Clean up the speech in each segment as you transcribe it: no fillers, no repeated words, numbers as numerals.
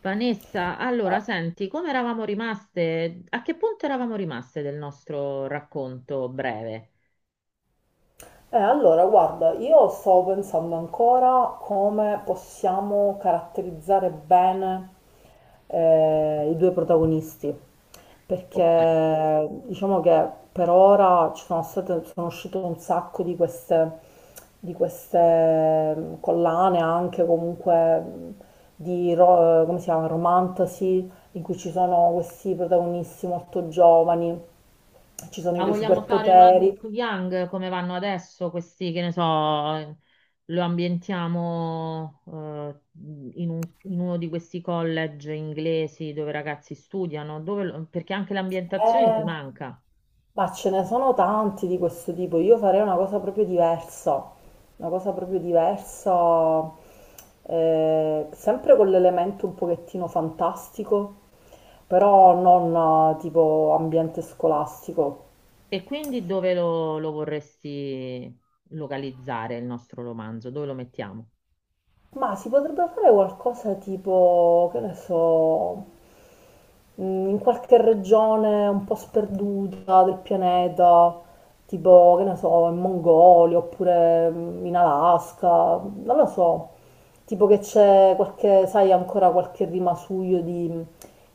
Vanessa, Eh, allora senti, come eravamo rimaste? A che punto eravamo rimaste del nostro racconto breve? allora, guarda, io sto pensando ancora come possiamo caratterizzare bene i due protagonisti, Ok, perché diciamo che per ora ci sono state, sono uscite un sacco di queste, di queste collane, anche comunque come si chiama, romantasy, in cui ci sono questi protagonisti molto giovani, ci ma sono i vogliamo fare un adult superpoteri. young come vanno adesso questi, che ne so, lo ambientiamo in un- in uno di questi college inglesi dove i ragazzi studiano, dove perché anche l'ambientazione ti Eh, manca. Ma ce ne sono tanti di questo tipo, io farei una cosa proprio diversa, una cosa proprio diversa, sempre con l'elemento un pochettino fantastico, però non tipo ambiente scolastico. E quindi dove lo vorresti localizzare il nostro romanzo? Dove lo mettiamo? Ma si potrebbe fare qualcosa tipo, che ne so, mh, in qualche regione un po' sperduta del pianeta, tipo, che ne so, in Mongolia oppure in Alaska, non lo so, tipo che c'è qualche, sai, ancora qualche rimasuglio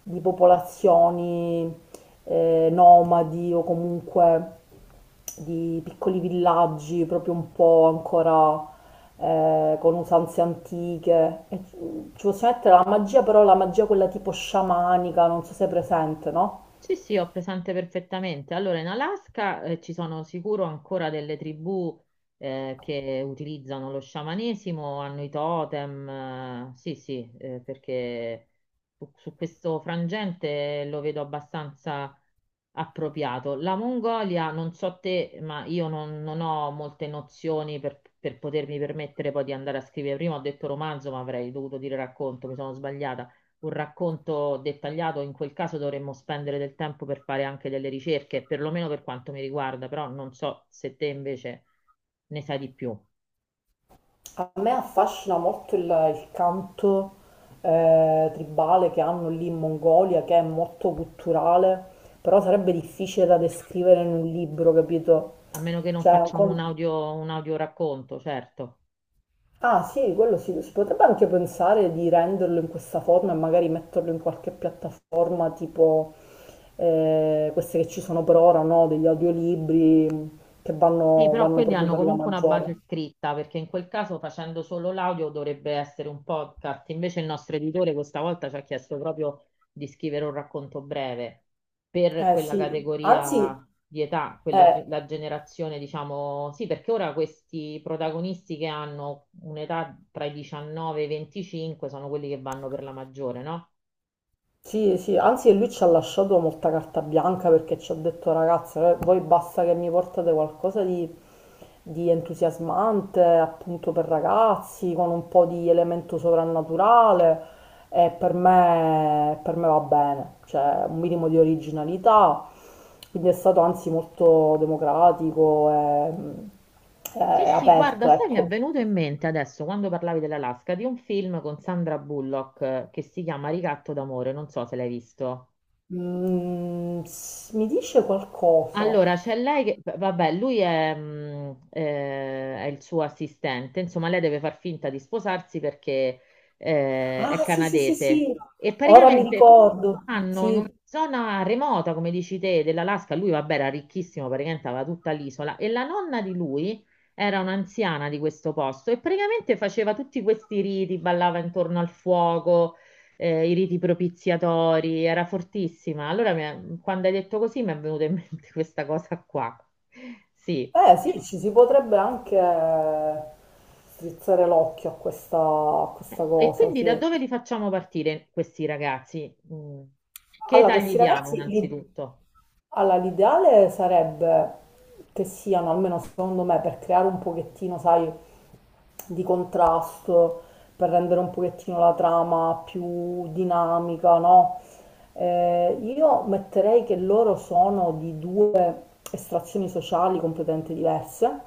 di popolazioni nomadi o comunque di piccoli villaggi proprio un po' ancora con usanze antiche. E ci possiamo mettere la magia, però la magia quella tipo sciamanica, non so se è presente, no? Sì, sì, ho presente perfettamente. Allora, in Alaska ci sono sicuro ancora delle tribù che utilizzano lo sciamanesimo, hanno i totem. Eh, sì, sì, perché su questo frangente lo vedo abbastanza appropriato. La Mongolia, non so te, ma io non, non ho molte nozioni per potermi permettere poi di andare a scrivere. Prima ho detto romanzo, ma avrei dovuto dire racconto, mi sono sbagliata. Un racconto dettagliato, in quel caso dovremmo spendere del tempo per fare anche delle ricerche, perlomeno per quanto mi riguarda, però non so se te invece ne sai di più. A me affascina molto il canto tribale che hanno lì in Mongolia, che è molto culturale, però sarebbe difficile da descrivere in un libro, capito? A meno che non Cioè, è un facciamo con- un audio racconto, certo. Ah sì, quello sì, si potrebbe anche pensare di renderlo in questa forma e magari metterlo in qualche piattaforma tipo queste che ci sono per ora, no? Degli audiolibri che Sì, vanno, però vanno quelli proprio hanno per la comunque una maggiore. base scritta, perché in quel caso facendo solo l'audio dovrebbe essere un podcast. Invece il nostro editore questa volta ci ha chiesto proprio di scrivere un racconto breve per Eh quella sì, anzi, categoria di età, quella, eh, la generazione, diciamo, sì, perché ora questi protagonisti che hanno un'età tra i 19 e i 25 sono quelli che vanno per la maggiore, no? sì, sì, anzi lui ci ha lasciato molta carta bianca perché ci ha detto ragazze, voi basta che mi portate qualcosa di entusiasmante, appunto per ragazzi, con un po' di elemento sovrannaturale e per me va bene, cioè un minimo di originalità, quindi è stato anzi molto democratico Sì, e sì, aperto, guarda, sai, mi è ecco. venuto in mente adesso, quando parlavi dell'Alaska, di un film con Sandra Bullock che si chiama Ricatto d'amore, non so se l'hai visto. Mm, s- mi dice qualcosa? Allora, c'è lei che, vabbè, lui è il suo assistente, insomma, lei deve far finta di sposarsi perché è Ah, sì, sì, sì, canadese sì, e ora mi praticamente ricordo. vanno in Sì, una zona remota, come dici te, dell'Alaska. Lui, vabbè, era ricchissimo, praticamente aveva tutta l'isola e la nonna di lui era un'anziana di questo posto e praticamente faceva tutti questi riti, ballava intorno al fuoco i riti propiziatori, era fortissima. Allora, quando hai detto così, mi è venuta in mente questa cosa qua. Sì. Sì, ci si potrebbe anche strizzare l'occhio a questa E cosa, quindi da sì. dove li facciamo partire questi ragazzi? Mm. Che Allora, età gli questi diamo ragazzi, l'i- innanzitutto? allora, l'ideale sarebbe che siano, almeno secondo me, per creare un pochettino, sai, di contrasto, per rendere un pochettino la trama più dinamica, no? Io metterei che loro sono di due estrazioni sociali completamente diverse,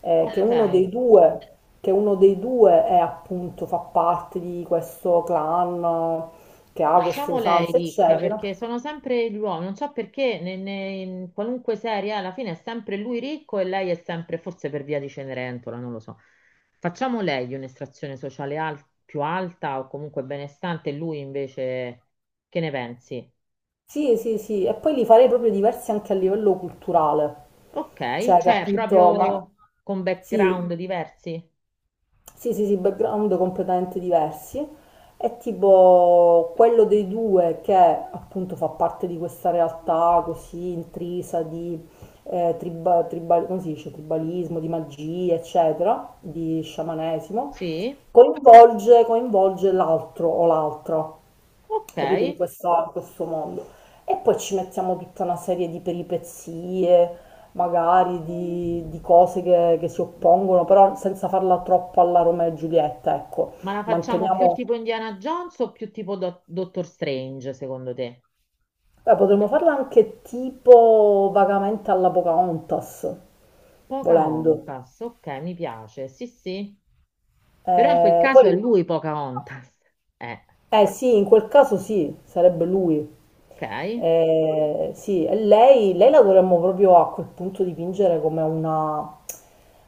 che Ok. uno dei due, che uno dei due è appunto, fa parte di questo clan che ha queste Facciamo lei usanze, ricca eccetera. perché sono sempre gli uomini, non so perché in qualunque serie alla fine è sempre lui ricco e lei è sempre, forse per via di Cenerentola, non lo so. Facciamo lei un'estrazione sociale più alta o comunque benestante e lui invece, che ne pensi? Sì, sì, sì, e poi li farei proprio diversi anche a livello culturale, Ok, cioè che cioè appunto, ma proprio con sì, background diversi? sì, sì, sì, background completamente diversi. È tipo quello dei due che appunto fa parte di questa realtà così intrisa di come si dice? Tribalismo, di magia, eccetera, di sciamanesimo, Sì, coinvolge l'altro o l'altra. ok, Capito? In questo mondo. E poi ci mettiamo tutta una serie di peripezie, magari di cose che si oppongono, però senza farla troppo alla Romeo e Giulietta, ecco. ma la facciamo più Manteniamo, tipo Indiana Jones o più tipo Doctor Strange secondo te? Potremmo farla anche tipo vagamente alla Pocahontas, volendo. Pocahontas, ok, mi piace, sì, sì, però in quel caso Poi è lui Pocahontas. Eh, eh sì, in quel caso sì, sarebbe lui. ok. Sì, e lei la dovremmo proprio a quel punto dipingere come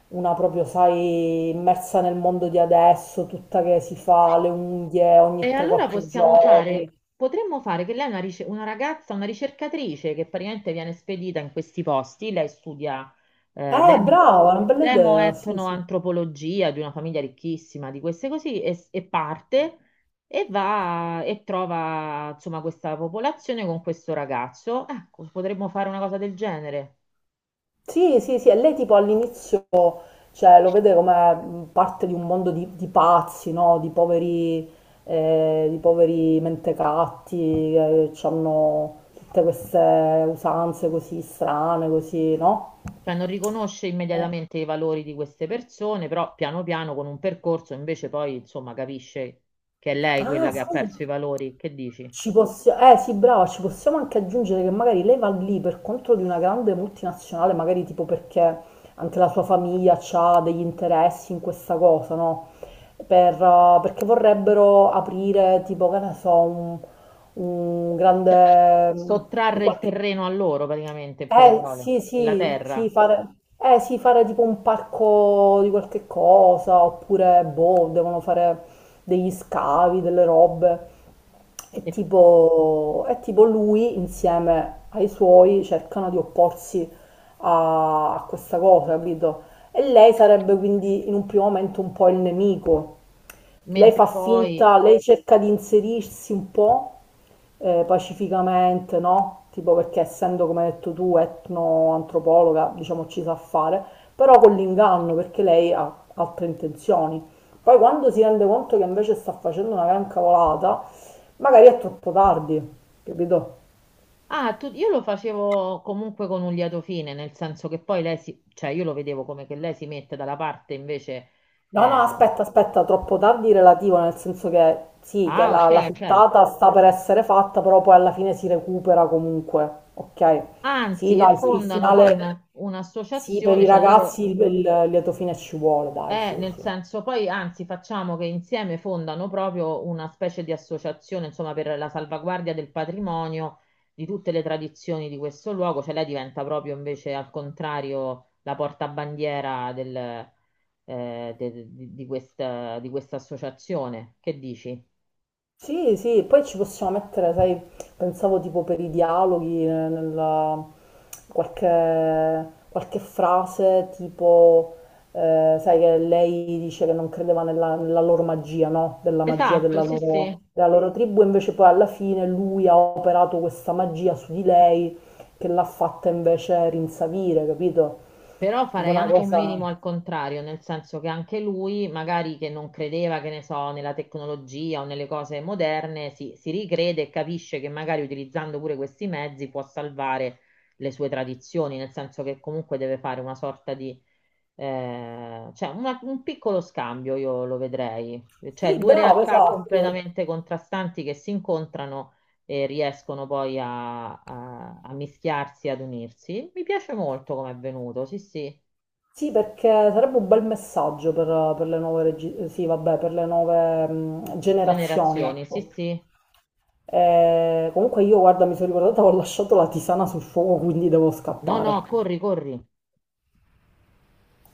una proprio, sai, immersa nel mondo di adesso, tutta che si fa le unghie E ogni allora 3-4 possiamo giorni. fare, potremmo fare che lei è una, una ragazza, una ricercatrice che praticamente viene spedita in questi posti, lei studia eh, demo, Brava, una bella idea, sì, sì. demoetnoantropologia di una famiglia ricchissima, di queste così, e parte e va e trova insomma questa popolazione con questo ragazzo. Ecco, potremmo fare una cosa del genere. Sì, sì, sì, e lei tipo all'inizio cioè, lo vede come parte di un mondo di pazzi, no? Di poveri mentecatti che hanno tutte queste usanze così strane, così, no? Cioè non riconosce Eh, immediatamente i valori di queste persone, però piano piano con un percorso invece poi insomma capisce che è lei quella ah, che ha sai, perso i valori. Che dici? ci possiamo, eh sì, brava, ci possiamo anche aggiungere che magari lei va lì per conto di una grande multinazionale, magari tipo perché anche la sua famiglia ha degli interessi in questa cosa, no? Per, perché vorrebbero aprire tipo, che ne so, un grande, un Sottrarre il qualche terreno a loro praticamente, in poche eh parole, sì, la sì, terra. Sì, fare tipo un parco di qualche cosa, oppure boh, devono fare degli scavi, delle robe. E E tipo lui insieme ai suoi cercano di opporsi a, a questa cosa, capito? E lei sarebbe quindi in un primo momento un po' il nemico. Lei fa mentre poi... finta, lei cerca di inserirsi un po' pacificamente, no? Tipo perché essendo, come hai detto tu, etnoantropologa, diciamo ci sa fare, però con l'inganno perché lei ha altre intenzioni. Poi quando si rende conto che invece sta facendo una gran cavolata, magari è troppo tardi, capito? Ah, io lo facevo comunque con un lieto fine, nel senso che poi lei si... cioè io lo vedevo come che lei si mette dalla parte invece... No, no, eh, aspetta, aspetta, troppo tardi relativo, nel senso che sì, che ah, ok, la, la ok. frittata sta per essere fatta, però poi alla fine si recupera comunque, ok? Sì, Anzi, e no, il fondano poi finale, sì, per un'associazione, i cioè ragazzi loro, il lieto fine ci vuole, dai, eh, sì, nel sì. senso, poi anzi facciamo che insieme fondano proprio una specie di associazione, insomma, per la salvaguardia del patrimonio di tutte le tradizioni di questo luogo, cioè lei diventa proprio invece al contrario la portabandiera del, di questa associazione. Che dici? Sì, sì, poi ci possiamo mettere, sai, pensavo tipo per i dialoghi, nella- qualche, qualche frase tipo, sai che lei dice che non credeva nella, nella loro magia, no? Della magia Esatto, sì, sì. della loro tribù, invece poi alla fine lui ha operato questa magia su di lei che l'ha fatta invece rinsavire, capito? Però Tipo farei una anche un cosa... minimo al contrario, nel senso che anche lui, magari che non credeva, che ne so, nella tecnologia o nelle cose moderne, si ricrede e capisce che magari utilizzando pure questi mezzi può salvare le sue tradizioni, nel senso che comunque deve fare una sorta di, cioè un piccolo scambio, io lo vedrei, cioè Sì, due bravo, realtà esatto. completamente contrastanti che si incontrano e riescono poi a mischiarsi, ad unirsi. Mi piace molto come è venuto, sì, sì. Sì, perché sarebbe un bel messaggio per le nuove, regi- sì, vabbè, per le nuove generazioni, Generazioni, sì, ecco. sì. Comunque io, guarda, mi sono ricordata, ho lasciato la tisana sul fuoco, quindi devo No, no, scappare. corri, corri.